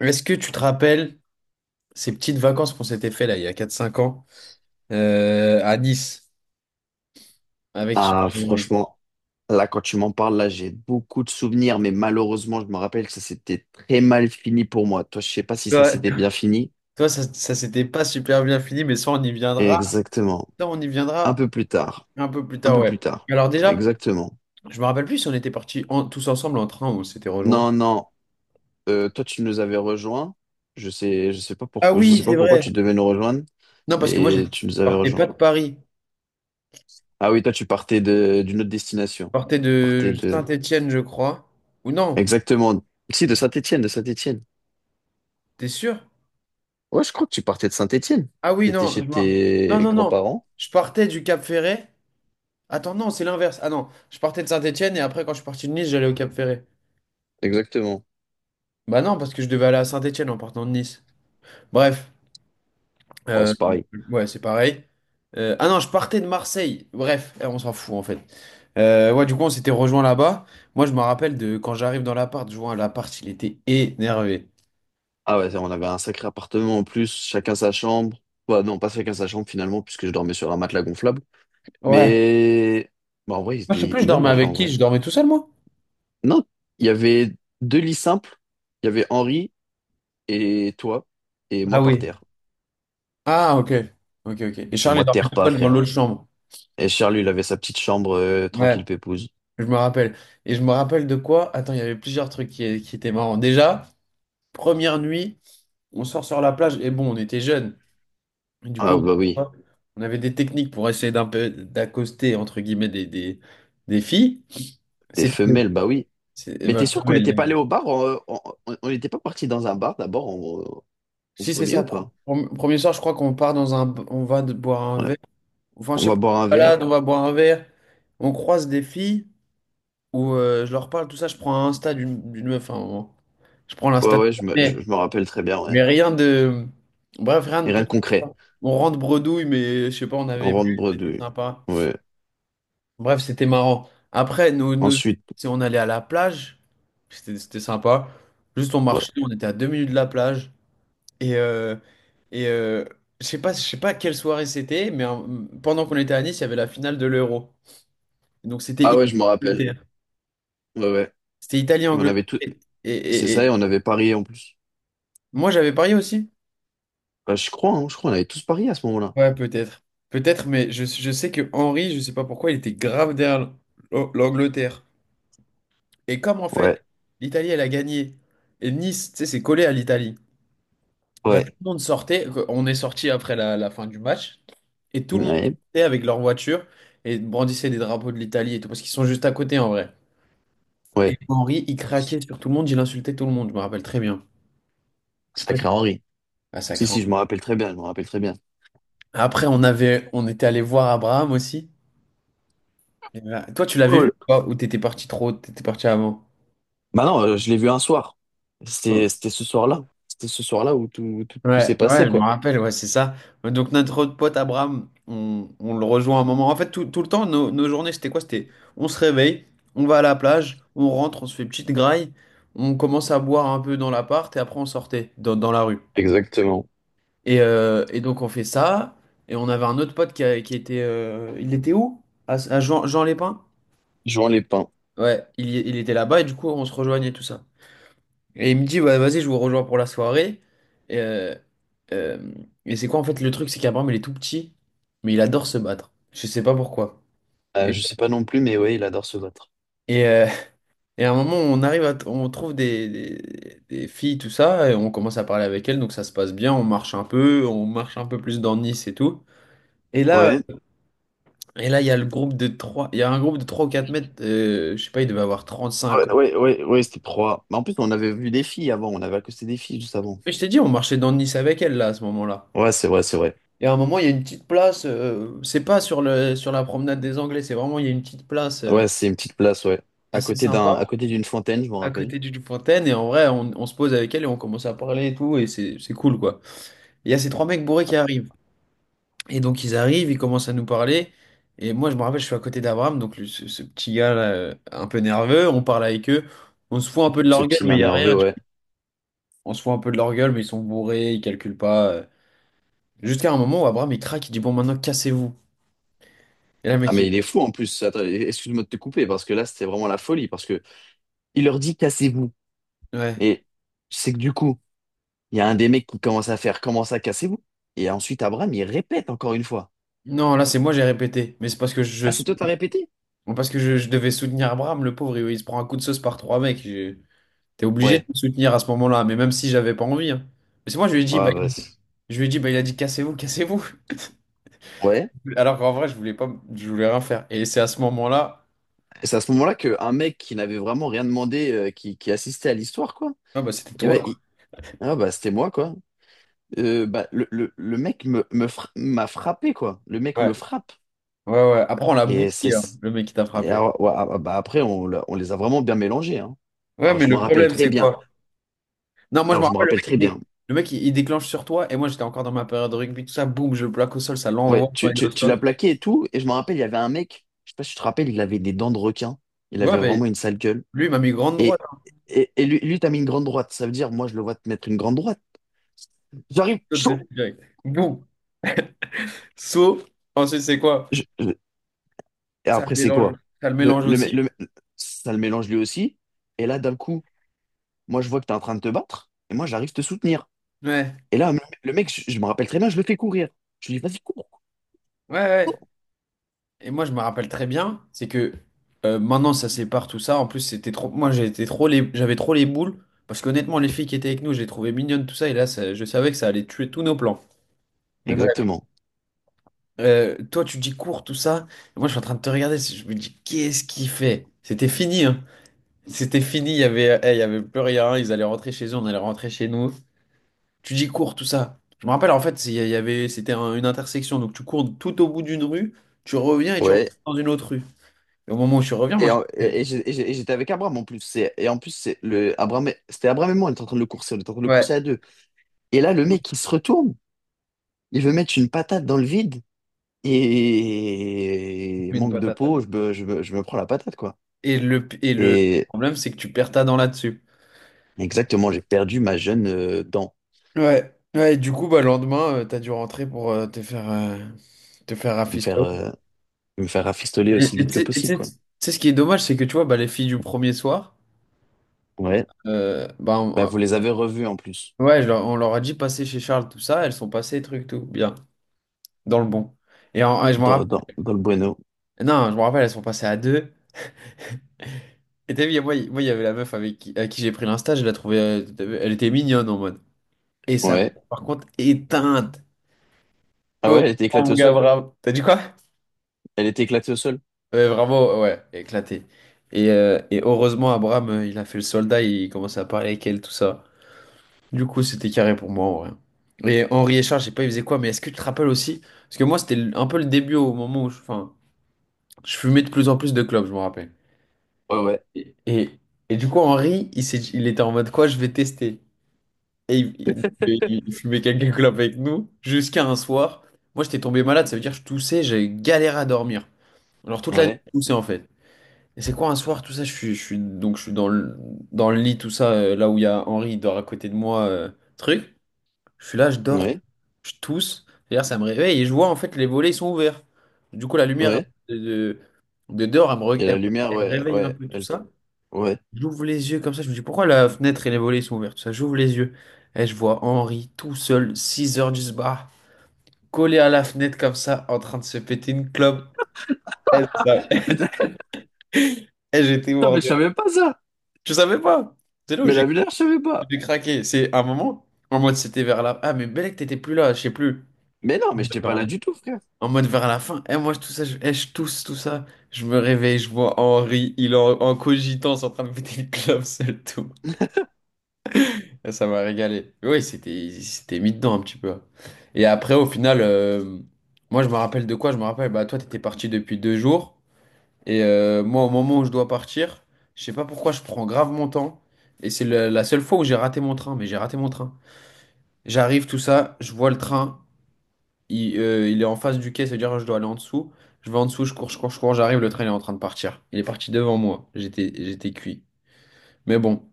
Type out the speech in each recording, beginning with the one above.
Est-ce que tu te rappelles ces petites vacances qu'on s'était fait là il y a 4 5 ans à Nice avec. Ah, Oui. franchement, là, quand tu m'en parles, là, j'ai beaucoup de souvenirs, mais malheureusement, je me rappelle que ça s'était très mal fini pour moi. Toi, je sais pas si ça Toi, s'était bien fini. toi ça, ça s'était pas super bien fini mais ça on y viendra. Exactement. Ça on y Un viendra peu plus tard. un peu plus Un tard, peu plus ouais. tard. Alors déjà Exactement. je me rappelle plus si on était partis tous ensemble en train ou on s'était rejoints. Non, non. Toi, tu nous avais rejoints. Je sais pas Ah pourquoi, je oui sais c'est pas pourquoi vrai. tu devais nous rejoindre, Non parce que moi je mais tu nous avais partais rejoints. pas de Paris, je Ah oui, toi, tu partais d'une autre destination. partais Tu partais de de, Saint-Étienne je crois. Ou non, exactement. Si, de Saint-Étienne, de Saint-Étienne. t'es sûr? Ouais, je crois que tu partais de Saint-Étienne. Ah oui T'étais non chez je m'en- non tes non non, grands-parents. je partais du Cap Ferret. Attends, non, c'est l'inverse. Ah non, je partais de Saint-Étienne et après, quand je suis parti de Nice, j'allais au Cap Ferré. Exactement. Bah non, parce que je devais aller à Saint-Étienne en partant de Nice. Bref, Ouais, euh, c'est pareil. ouais, c'est pareil. Ah non, je partais de Marseille. Bref, on s'en fout en fait. Ouais, du coup, on s'était rejoint là-bas. Moi, je me rappelle de quand j'arrive dans l'appart, je vois l'appart, il était énervé. Ah ouais, on avait un sacré appartement en plus, chacun sa chambre. Bah non, pas chacun sa chambre finalement, puisque je dormais sur un matelas gonflable. Ouais. Mais bah, en vrai, il Moi, je était, sais il plus, était je bien le dormais matelas avec en qui? vrai. Je dormais tout seul, moi? Non, il y avait deux lits simples. Il y avait Henri et toi, et Ah moi par oui. terre. Ah, ok. Ok, ok. Et Et Charles, il moi, dormait terre tout pas, seul dans frère. l'autre chambre. Et Charles, lui, il avait sa petite chambre Ouais. tranquille pépouze. Je me rappelle. Et je me rappelle de quoi? Attends, il y avait plusieurs trucs qui étaient marrants. Déjà, première nuit, on sort sur la plage. Et bon, on était jeunes. Et du Ah coup, bah oui. on on avait des techniques pour essayer d'un peu d'accoster, entre guillemets, des filles. Des C'était femelles, bah oui. Mais t'es Bah, sûr qu'on n'était femelle. pas Bon. allé au bar? On on n'était pas parti dans un bar d'abord au Si c'est premier ça, ou pas? Premier soir, je crois qu'on part dans un... On va de boire un Ouais. verre. Enfin, je On sais va pas, boire on se un verre. balade, on va boire un verre. On croise des filles où je leur parle, tout ça. Je prends un Insta d'une meuf à un moment. Je prends Ouais, l'Insta de... ouais, je me rappelle très bien, ouais. Mais rien de. Bref, rien de Et rien plus. de concret. On rentre bredouille, mais je sais pas, on On avait rentre bu, c'était bredouille. sympa. Ouais. Bref, c'était marrant. Après, Ensuite, si on allait à la plage, c'était sympa. Juste, on ouais. marchait, on était à 2 minutes de la plage. Et, euh, et euh, je sais pas, quelle soirée c'était, mais pendant qu'on était à Nice, il y avait la finale de l'Euro. Donc, c'était Ah ouais, je me rappelle. Italie-Angleterre. Ouais, ouais. C'était Et on Italie-Angleterre. avait tout. Et, C'est et, et- ça, et et on avait parié en plus. moi, j'avais parié aussi. Bah, je crois, hein, je crois, on avait tous parié à ce moment-là. Ouais, peut-être. Peut-être, mais je sais que Henry, je sais pas pourquoi, il était grave derrière l'Angleterre. Et comme en fait, Ouais, l'Italie, elle a gagné, et Nice, tu sais, c'est collé à l'Italie, bah, tout ouais, le monde sortait, on est sorti après la fin du match, et tout le monde ouais, sortait avec leur voiture et brandissait des drapeaux de l'Italie et tout, parce qu'ils sont juste à côté en vrai. Et ouais. Henry, il craquait sur tout le monde, il insultait tout le monde, je me rappelle très bien. Je sais pas. Sacré Henri. Ah, Si, sacré. si, je me rappelle très bien, je me rappelle très bien. Après, on avait, on était allé voir Abraham aussi. Et là, toi, tu l'avais vu ou pas? Ou t'étais parti trop, t'étais parti avant? Bah non, je l'ai vu un soir. Mm. C'était ce soir-là. C'était ce soir-là où tout Ouais, s'est ouais, passé, je me quoi. rappelle, ouais, c'est ça. Donc notre autre pote Abraham, on le rejoint un moment. En fait, tout le temps, nos journées, c'était quoi? C'était on se réveille, on va à la plage, on rentre, on se fait petite graille, on commence à boire un peu dans l'appart et après on sortait dans la rue. Exactement. Et donc on fait ça. Et on avait un autre pote qui était... il était où? À Jean, Jean Lépin? Jouant les pins. Ouais, il était là-bas et du coup on se rejoignait tout ça. Et il me dit, ouais, vas-y, je vous rejoins pour la soirée. Et, euh, euh, et c'est quoi en fait le truc? C'est qu'Abraham, il est tout petit, mais il adore se battre. Je sais pas pourquoi. Et, Je sais pas non plus, mais ouais, il adore se battre. et, euh, et à un moment, on arrive à, t- on trouve des filles, tout ça, et on commence à parler avec elles, donc ça se passe bien. On marche un peu, on marche un peu plus dans Nice et tout. Et là, Ouais. euh, et là, il y a le groupe de trois, il y a un groupe de 3 ou 4 mètres, je sais pas, il devait avoir 35 Ouais, ans. ouais, ouais, ouais, c'était proie. Mais en plus, on avait vu des filles avant. On avait accosté des filles juste avant. Mais je t'ai dit, on marchait dans Nice avec elles là à ce moment-là. Ouais, c'est vrai, c'est vrai. Et à un moment, il y a une petite place, c'est pas sur la promenade des Anglais, c'est vraiment, il y a une petite place Ouais, c'est une petite place, ouais. À assez côté d'un, à sympa côté d'une fontaine, je m'en à rappelle. côté d'une fontaine. Et en vrai, on se pose avec elle et on commence à parler et tout. Et c'est cool, quoi. Et il y a ces trois mecs bourrés qui arrivent. Et donc, ils arrivent, ils commencent à nous parler. Et moi, je me rappelle, je suis à côté d'Abraham, donc ce petit gars là, un peu nerveux. On parle avec eux. On se fout un peu de Ce leur gueule, petit mais nain il y a rien. nerveux, Tu ouais. On se fout un peu de leur gueule, mais ils sont bourrés, ils calculent pas. Jusqu'à un moment où Abraham, il craque, il dit, bon, maintenant, cassez-vous. Et là, le Ah, mec, mais il... il est fou en plus. Attends, excuse-moi de te couper parce que là, c'était vraiment la folie parce que il leur dit cassez-vous. Ouais. Mais c'est que du coup. Il y a un des mecs qui commence à casser vous. Et ensuite, Abraham, il répète encore une fois. Non, là, c'est moi, j'ai répété. Mais c'est parce que je, Ah, c'est toi, t'as répété? parce que je, je devais soutenir Abraham, le pauvre, il se prend un coup de sauce par trois mecs. Je- T'es obligé de Ouais. le soutenir à ce moment-là, mais même si j'avais pas envie, hein. Mais c'est moi, je lui ai dit, bah, Ouais, bah, je lui ai dit, bah, il a dit, cassez-vous, cassez-vous. ouais. Alors qu'en vrai, je voulais pas, je voulais rien faire. Et c'est à ce moment-là, Et c'est à ce moment-là qu'un mec qui n'avait vraiment rien demandé, qui assistait à l'histoire, quoi. ah, bah, c'était Et toi, ben, quoi. Ah, bah, c'était moi, quoi. Bah, le mec m'a frappé, quoi. Le mec me Ouais, frappe. ouais, ouais. Après, on l'a Et c'est, bouti, hein, le mec qui t'a et frappé. alors, ouais, ah, bah, après, on les a vraiment bien mélangés, hein. Ouais, Alors, mais je le m'en rappelle problème, très c'est bien. quoi? Non, moi, je Alors, me je m'en rappelle, rappelle très bien. le mec, il déclenche sur toi, et moi, j'étais encore dans ma période de rugby, tout ça, boum, je le plaque au sol, ça Ouais, l'envoie quand tu, il est au tu, tu l'as sol. plaqué et tout. Et je me rappelle, il y avait un mec, je sais pas si tu te rappelles, il avait des dents de requin. Il Ouais, avait vraiment mais une sale gueule. lui, il m'a mis grande droite. Et, et lui, lui t'as mis une grande droite. Ça veut dire, moi, je le vois te mettre une grande droite. J'arrive, Saute de chaud. direct. Boum. Saut. Ensuite, c'est quoi? Je- je- Et Ça le après, c'est mélange. quoi? Ça le Le, mélange le, mec- le, aussi. mec- Ça le mélange lui aussi. Et là, d'un coup, moi, je vois que t'es en train de te battre. Et moi, j'arrive te soutenir. Ouais. Et là, le mec, je me rappelle très bien, je le fais courir. Je lui dis, vas-y, cours, Ouais, ouais. cours. Et moi, je me rappelle très bien, c'est que maintenant, ça sépare tout ça. En plus, c'était trop. Moi, j'étais trop les... j'avais trop les boules. Parce qu'honnêtement, les filles qui étaient avec nous, je les trouvais mignonnes, tout ça. Et là, ça- je savais que ça allait tuer tous nos plans. Mais bref. Exactement. Toi, tu dis cours, tout ça. Et moi, je suis en train de te regarder. Je me dis, qu'est-ce qu'il fait? C'était fini, hein. C'était fini. Il y avait... il y avait plus rien. Ils allaient rentrer chez eux, on allait rentrer chez nous. Tu dis cours, tout ça. Je me rappelle, en fait, il y avait, c'était une intersection. Donc, tu cours tout au bout d'une rue, tu reviens et tu reviens Ouais, dans une autre rue. Et au moment où tu reviens, moi, Et, je en- te. et- et j'ai- et j'ai- et j'étais avec Abraham en plus. Et en plus, c'était Abraham et moi, on était en train de le Ouais. courser à deux. Et là, le mec, il se retourne, il veut mettre une patate dans le vide. Et Une manque de patate. peau, je me prends la patate, quoi. Et le Et problème, c'est que tu perds ta dent là-dessus. exactement, j'ai perdu ma jeune dent. Ouais. Ouais, et du coup, bah, le lendemain, tu t'as dû rentrer pour te faire Me faire, rafistoler. euh, me faire rafistoler aussi vite que possible, Tu quoi. sais ce qui est dommage, c'est que tu vois, bah, les filles du premier soir, Ouais. Bah, Bah, vous les avez revus en plus, ouais, on leur a dit passer chez Charles, tout ça, elles sont passées, truc, tout, bien, dans le bon. Et je me dans, rappelle, dans, dans le Bueno. non, je me rappelle, elles sont passées à deux. Et t'as vu, y a- moi, il y avait la meuf avec qui, à qui j'ai pris l'insta, je la trouvais, t'as vu, elle était mignonne en mode. Et ça, Ouais. par contre, éteinte. Ah Oh, ouais, elle était éclatée mon au gars, sol. Abraham. T'as dit quoi? Elle était éclatée au sol. Ouais, vraiment, ouais, éclaté. Et heureusement, Abraham, il a fait le soldat, il commençait à parler avec elle, tout ça. Du coup, c'était carré pour moi, en vrai. Et Henri et Charles, je sais pas, ils faisaient quoi, mais est-ce que tu te rappelles aussi? Parce que moi, un peu le début au moment où je fumais de plus en plus de clopes, je me rappelle. Ouais, ouais. Et, et, et du coup, Henri, il était en mode quoi, je vais tester. Et il fumait quelques clopes avec nous jusqu'à un soir. Moi, j'étais tombé malade, ça veut dire que je toussais, j'avais galéré à dormir. Alors toute la nuit, Ouais. je toussais en fait. Et c'est quoi un soir, tout ça, donc je suis dans le lit, tout ça, là où il y a Henri, il dort à côté de moi, truc. Je suis là, je dors, Ouais. je tousse. D'ailleurs, ça me réveille et je vois en fait les volets, ils sont ouverts. Du coup, la lumière Ouais. de, de, de dehors, elle me, re- Et la lumière, elle me ouais, réveille un ouais, peu, tout ça. ouais. J'ouvre les yeux comme ça, je me dis pourquoi la fenêtre et les volets sont ouverts, tout ça. J'ouvre les yeux et je vois Henri tout seul, 6 heures du bar, collé à la fenêtre comme ça, en train de se péter une clope. Et ça- Mais et j'étais Attends, mort mais je de rire. savais pas ça. Tu savais pas? C'est là où Mais la lumière, je savais pas. j'ai craqué. C'est un moment, en mode c'était vers la... Ah, mais Belek, t'étais plus là, je sais plus. Mais non, mais j'étais pas Vers là la... du tout, frère. En mode vers la fin. Et moi, tout ça, je tousse, tout ça. Je me réveille, je vois Henri, il est en, en cogitant, en train de péter une clope seul, tout. Ah, ça m'a régalé. Oui, c'était mis dedans un petit peu. Et après, au final, moi, je me rappelle de quoi? Je me rappelle, bah, toi, t'étais parti depuis 2 jours. Et moi, au moment où je dois partir, je sais pas pourquoi, je prends grave mon temps. Et c'est la seule fois où j'ai raté mon train, mais j'ai raté mon train. J'arrive, tout ça, je vois le train, il est en face du quai, c'est-à-dire je dois aller en dessous. Je vais en dessous, je cours, je cours, je cours, j'arrive, le train il est en train de partir. Il est parti devant moi. J'étais cuit. Mais bon.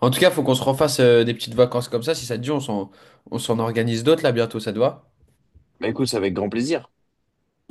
En tout cas, faut qu'on se refasse des petites vacances comme ça. Si ça te dit, on s'en organise d'autres là bientôt, ça te va? Bah écoute, c'est avec grand plaisir.